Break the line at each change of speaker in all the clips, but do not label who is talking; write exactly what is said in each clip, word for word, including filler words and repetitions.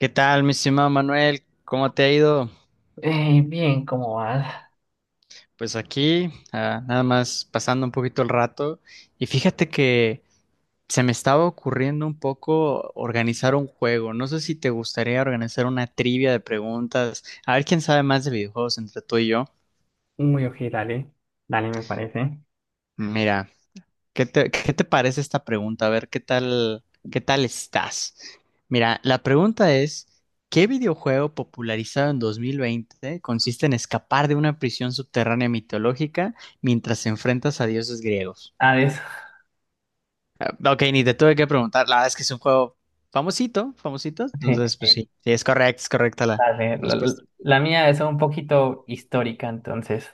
¿Qué tal, mi estimado Manuel? ¿Cómo te ha ido?
Eh, bien, ¿cómo vas?
Pues aquí, ah, nada más pasando un poquito el rato. Y fíjate que se me estaba ocurriendo un poco organizar un juego. No sé si te gustaría organizar una trivia de preguntas. A ver quién sabe más de videojuegos entre tú y yo.
Muy ok, dale. Dale, me parece.
Mira, ¿Qué te, qué te parece esta pregunta? A ver, ¿qué tal, qué tal estás? Mira, la pregunta es, ¿qué videojuego popularizado en dos mil veinte consiste en escapar de una prisión subterránea mitológica mientras enfrentas a dioses griegos?
Ah, eso.
Ah, ok, ni te tuve que preguntar, la verdad es que es un juego famosito, famosito,
Sí, sí,
entonces pues
sí,
sí, sí, es correcto, es correcta la
dale. La,
respuesta.
la mía es un poquito histórica, entonces.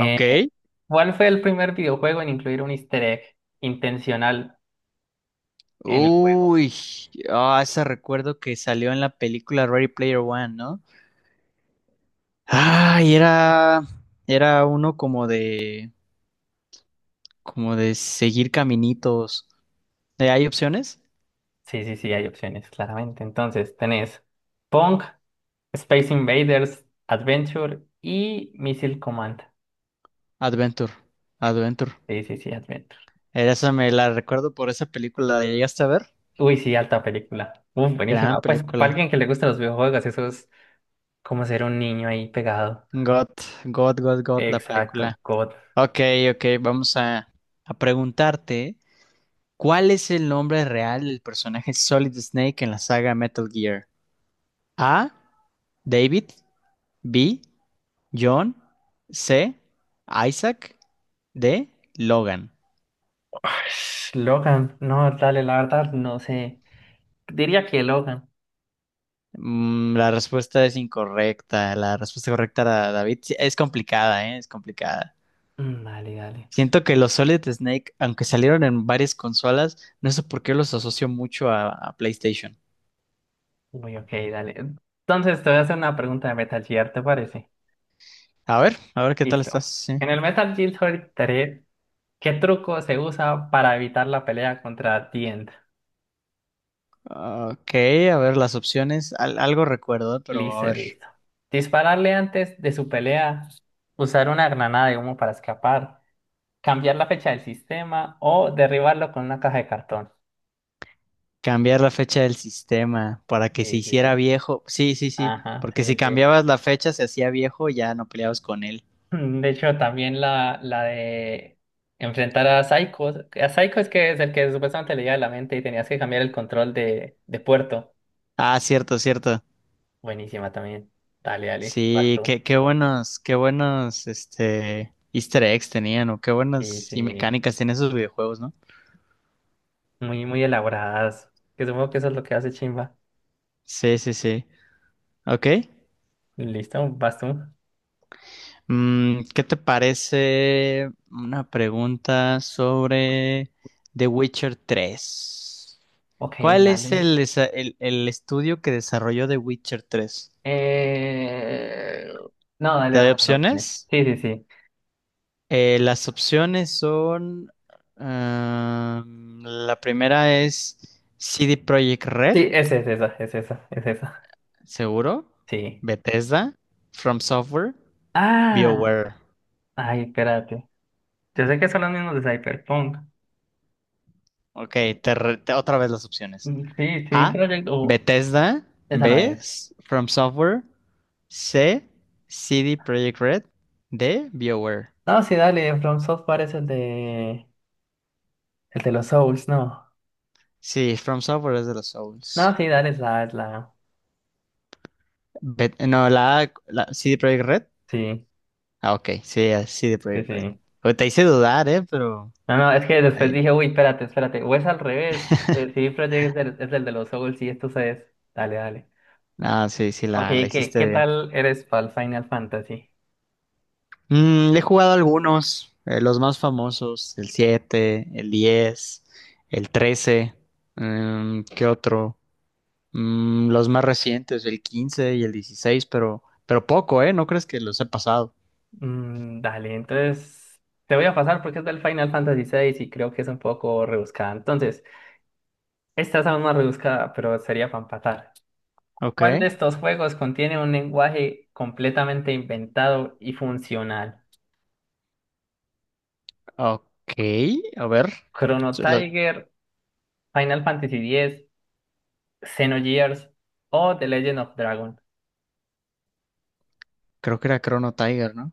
Ok.
¿Cuál fue el primer videojuego en incluir un easter egg intencional en el juego?
Uy, ah, ese recuerdo que salió en la película Ready Player One, ¿no? Ay, era, era uno como de, como de seguir caminitos. Eh, ¿Hay opciones?
Sí, sí, sí, hay opciones, claramente. Entonces, tenés Pong, Space Invaders, Adventure y Missile Command.
Adventure, Adventure.
Sí, sí, sí, Adventure.
Era esa, me la recuerdo por esa película. ¿La llegaste a ver?
Uy, sí, alta película. Uf,
Gran
buenísima. Pues para
película.
alguien que le gustan los videojuegos, eso es como ser un niño ahí pegado.
God, God, God, God, la
Exacto,
película.
God.
Ok, ok, vamos a, a preguntarte, ¿cuál es el nombre real del personaje Solid Snake en la saga Metal Gear? A, David; B, John; C, Isaac; D, Logan.
Ush, Logan, no, dale, la verdad, no sé. Diría que Logan.
Mm, la respuesta es incorrecta. La respuesta correcta era David. Sí, es complicada, ¿eh? Es complicada.
Mm, dale, dale.
Siento que los Solid Snake, aunque salieron en varias consolas, no sé por qué los asocio mucho a, a PlayStation.
Uy, ok, dale. Entonces te voy a hacer una pregunta de Metal Gear, ¿te parece?
A ver, a ver qué tal
Listo.
estás. Sí.
En el Metal Gear Solid tres, ¿qué truco se usa para evitar la pelea contra The End?
Ok, a ver las opciones. Al- algo recuerdo, pero a
Listo,
ver.
listo. Dispararle antes de su pelea, usar una granada de humo para escapar, cambiar la fecha del sistema o derribarlo con una caja de cartón.
Cambiar la fecha del sistema para que se
Sí, sí, sí.
hiciera viejo. Sí, sí, sí.
Ajá, sí,
Porque si
sí, sí.
cambiabas la fecha, se hacía viejo, ya no peleabas con él.
Mm, De hecho, también la, la de enfrentar a Psycho. A Psycho es que es el que supuestamente leía la mente y tenías que cambiar el control de, de puerto.
Ah, cierto, cierto.
Buenísima también. Dale, dale, vas
Sí,
tú.
qué, qué buenos, qué buenos, este, Easter eggs tenían, o qué
Sí,
buenas y
sí.
mecánicas tienen esos videojuegos, ¿no?
Muy, muy elaboradas. Que supongo que eso es lo que hace Chimba.
Sí, sí, sí. Ok.
Listo, vas tú.
Mm, ¿qué te parece una pregunta sobre The Witcher tres?
Ok,
¿Cuál es
dale.
el, desa- el, el estudio que desarrolló The Witcher tres?
Eh... No, dale,
¿Te doy
dame las opciones.
opciones?
Sí, sí, sí.
Eh, las opciones son... am, la primera es C D Projekt Red,
Sí, es, es esa, es esa, es esa.
seguro.
Sí.
Bethesda, From Software,
Ah,
BioWare.
ay, espérate. Yo sé que son los mismos de Cyberpunk.
Ok, te re- te- otra vez las opciones.
Mm, sí, sí,
A,
Project o
Bethesda;
esa no
B,
era.
S- From Software; C, CD Projekt Red; D, BioWare.
No, sí, dale, From Software es el de el de los Souls, no.
Sí, From Software es de los
No,
Souls.
sí, dale, es la, es la.
Bet- no, la A, la C D Projekt Red.
Sí,
Ah, ok, sí, así, de
sí,
Project Red.
sí.
Oye, te hice dudar, ¿eh? Pero...
No, no, es que después
ahí.
dije, uy, espérate, espérate. O es al revés. El C D Projekt es el, es el de los Souls y esto es. Dale, dale.
No, sí, sí,
Ok,
la, la
¿qué,
hiciste
qué
bien.
tal eres para el Final Fantasy?
Mm, he jugado algunos, eh, los más famosos, el siete, el diez, el trece, mm, ¿qué otro? Mm, los más recientes, el quince y el dieciséis, pero, pero poco, ¿eh? ¿No crees que los he pasado?
Mm, dale, entonces te voy a pasar porque es del Final Fantasy seis y creo que es un poco rebuscada. Entonces. Esta es aún más rebuscada, pero sería para empatar.
Ok,
¿Cuál de estos juegos contiene un lenguaje completamente inventado y funcional?
ok, a ver.
¿Chrono
Se lo-
Tiger, Final Fantasy X, Xenogears o The Legend of Dragon?
Creo que era Chrono Tiger, ¿no?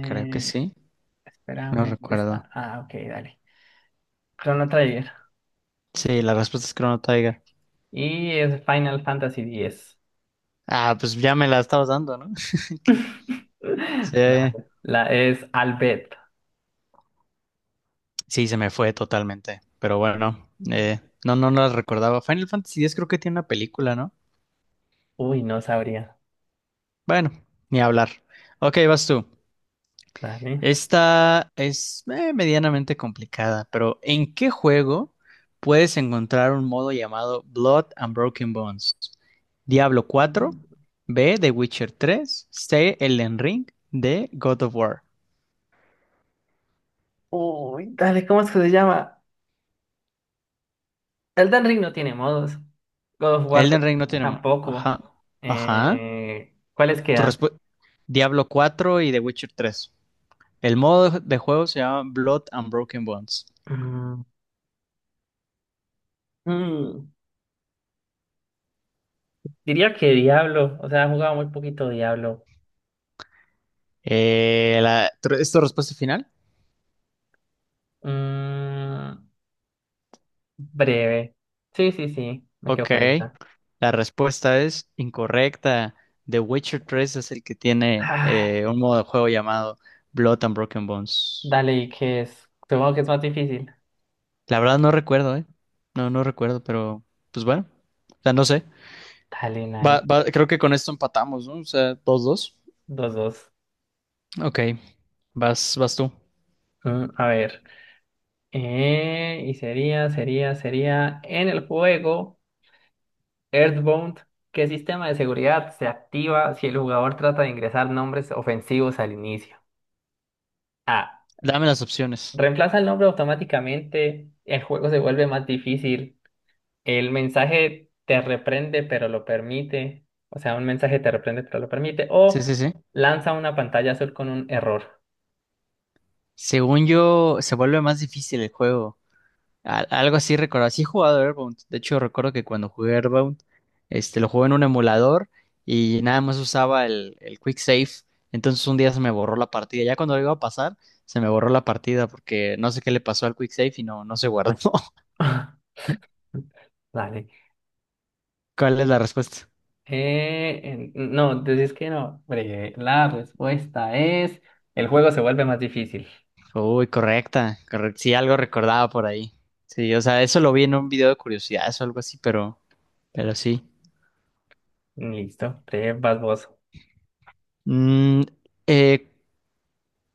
Creo que sí, no
espérame, ¿dónde
recuerdo.
está? Ah, ok, dale. Chrono Trigger.
Sí, la respuesta es Chrono Tiger.
Y es Final Fantasy X.
Ah, pues ya me la estabas dando, ¿no? Que- Sí,
Dale. La es Albert.
sí, se me fue totalmente. Pero bueno, eh, no, no, no las recordaba. Final Fantasy X creo que tiene una película, ¿no?
Uy, no sabría.
Bueno, ni hablar. Ok, vas tú.
Dale.
Esta es eh, medianamente complicada, pero ¿en qué juego puedes encontrar un modo llamado Blood and Broken Bones? Diablo cuatro; B, The Witcher tres; C, Elden Ring; D, God of War.
Uy, dale, ¿cómo es que se llama? Elden Ring no tiene modos. God of War
Elden Ring no
t-
tiene... mo-
tampoco.
Ajá. Ajá.
Eh, ¿cuáles
Tu
quedan?
respu- Diablo cuatro y The Witcher tres. El modo de juego se llama Blood and Broken Bones.
Mm, mm, diría que Diablo. O sea, he jugado muy poquito Diablo.
Eh, la- tr- ¿es tu respuesta final?
Mm, breve. Sí, sí, sí. Me quedo
Ok.
con esa.
La respuesta es incorrecta. The Witcher tres es el que tiene
Ah,
eh, un modo de juego llamado Blood and Broken Bones.
dale, ¿y qué es? Supongo que es más difícil.
La verdad no recuerdo, ¿eh? No, no recuerdo, pero pues bueno. O sea, no sé.
Dale,
Va-
nice.
va- creo que con esto empatamos, ¿no? O sea, dos dos.
Dos, dos.
Ok. Vas, vas tú.
Mm, a ver. Eh, y sería, sería, sería en el juego. Earthbound, ¿qué sistema de seguridad se activa si el jugador trata de ingresar nombres ofensivos al inicio? A.
Dame las opciones.
Reemplaza el nombre automáticamente, el juego se vuelve más difícil, el mensaje te reprende pero lo permite, o sea, un mensaje te reprende pero lo permite, o
Sí, sí, sí.
lanza una pantalla azul con un error.
Según yo, se vuelve más difícil el juego. Al- algo así recuerdo. Sí he jugado Airbound. De hecho, recuerdo que cuando jugué Airbound, este, lo jugué en un emulador y nada más usaba el, el Quick Save. Entonces un día se me borró la partida. Ya cuando lo iba a pasar, se me borró la partida porque no sé qué le pasó al Quick Save y no, no se guardó.
Dale.
¿Cuál es la respuesta?
Eh, en- no, decís que no. Breve. La respuesta es, el juego se vuelve más difícil.
Uy, correcta. Correcto. Sí, algo recordaba por ahí. Sí, o sea, eso lo vi en un video de curiosidades o algo así, pero, pero sí.
Listo. Breve, vas vos.
Mm, eh,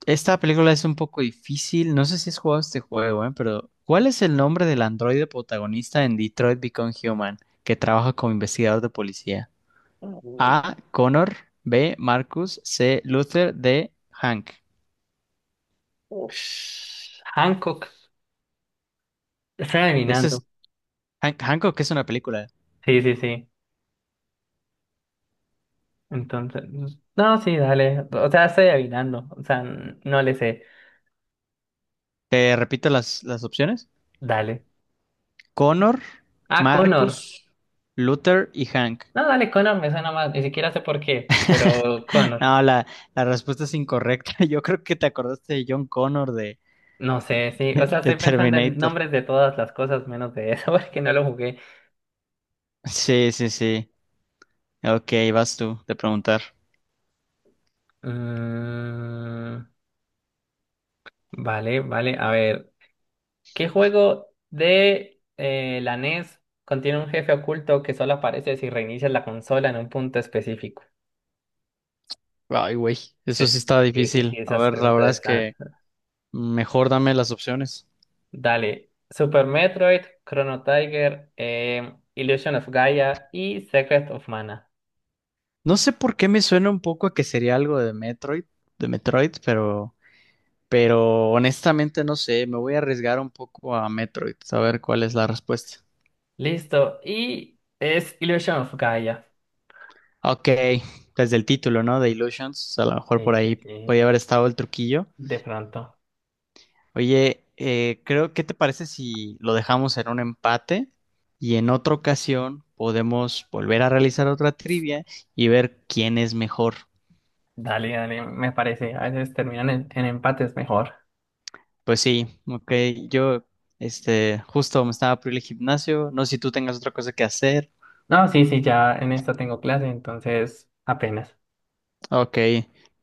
Esta película es un poco difícil. No sé si has jugado este juego, ¿eh? Pero ¿cuál es el nombre del androide protagonista en Detroit Become Human que trabaja como investigador de policía?
Uy,
A, Connor; B, Marcus; C, Luther; D, Hank.
ush. Hancock. Estoy
Este
adivinando.
es Hank, Hancock, que es una película.
Sí, sí, sí. Entonces, no, sí, dale. O sea, estoy adivinando. O sea, n- no le sé.
Te repito las, las opciones.
Dale.
Connor,
Ah, Connor.
Marcus, Luther y Hank.
No, dale, Connor me suena más. Ni siquiera sé por qué, pero Connor.
No, la, la respuesta es incorrecta. Yo creo que te acordaste de John Connor de,
No sé, sí. O sea,
de
estoy pensando en
Terminator.
nombres de todas las cosas menos de eso, porque no lo jugué.
Sí, sí, sí. Ok, vas tú de preguntar.
Mm, vale, vale. A ver. ¿Qué juego de eh, la NES contiene un jefe oculto que solo aparece si reinicias la consola en un punto específico?
Ay, güey, eso
Sí,
sí está
sí, sí, sí,
difícil. A
esas
ver, la
preguntas
verdad es
están.
que mejor dame las opciones.
Dale. Super Metroid, Chrono Tiger, eh, Illusion of Gaia y Secret of Mana.
No sé por qué me suena un poco a que sería algo de Metroid, de Metroid, pero, pero honestamente no sé, me voy a arriesgar un poco a Metroid, a ver cuál es la respuesta.
Listo. Y es Illusion of Gaia.
Ok, desde el título, ¿no? De Illusions, a lo mejor por
Sí, sí,
ahí
sí.
podía haber estado el truquillo.
De pronto.
Oye, eh, creo, ¿qué te parece si lo dejamos en un empate y en otra ocasión podemos volver a realizar otra trivia y ver quién es mejor?
Dale, dale, me parece. A veces terminan en, en empates mejor.
Pues sí, ok, yo, este, justo me estaba por ir al gimnasio, no sé si tú tengas otra cosa que hacer.
No, sí, sí, ya en esta tengo clase, entonces apenas.
Ok,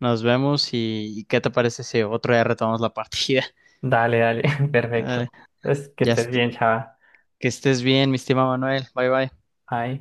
nos vemos y, y ¿qué te parece si otro día retomamos la partida?
Dale, dale, perfecto.
Vale,
Entonces, que
ya,
estés
est-
bien, chava.
que estés bien, mi estimado Manuel, bye bye.
Bye.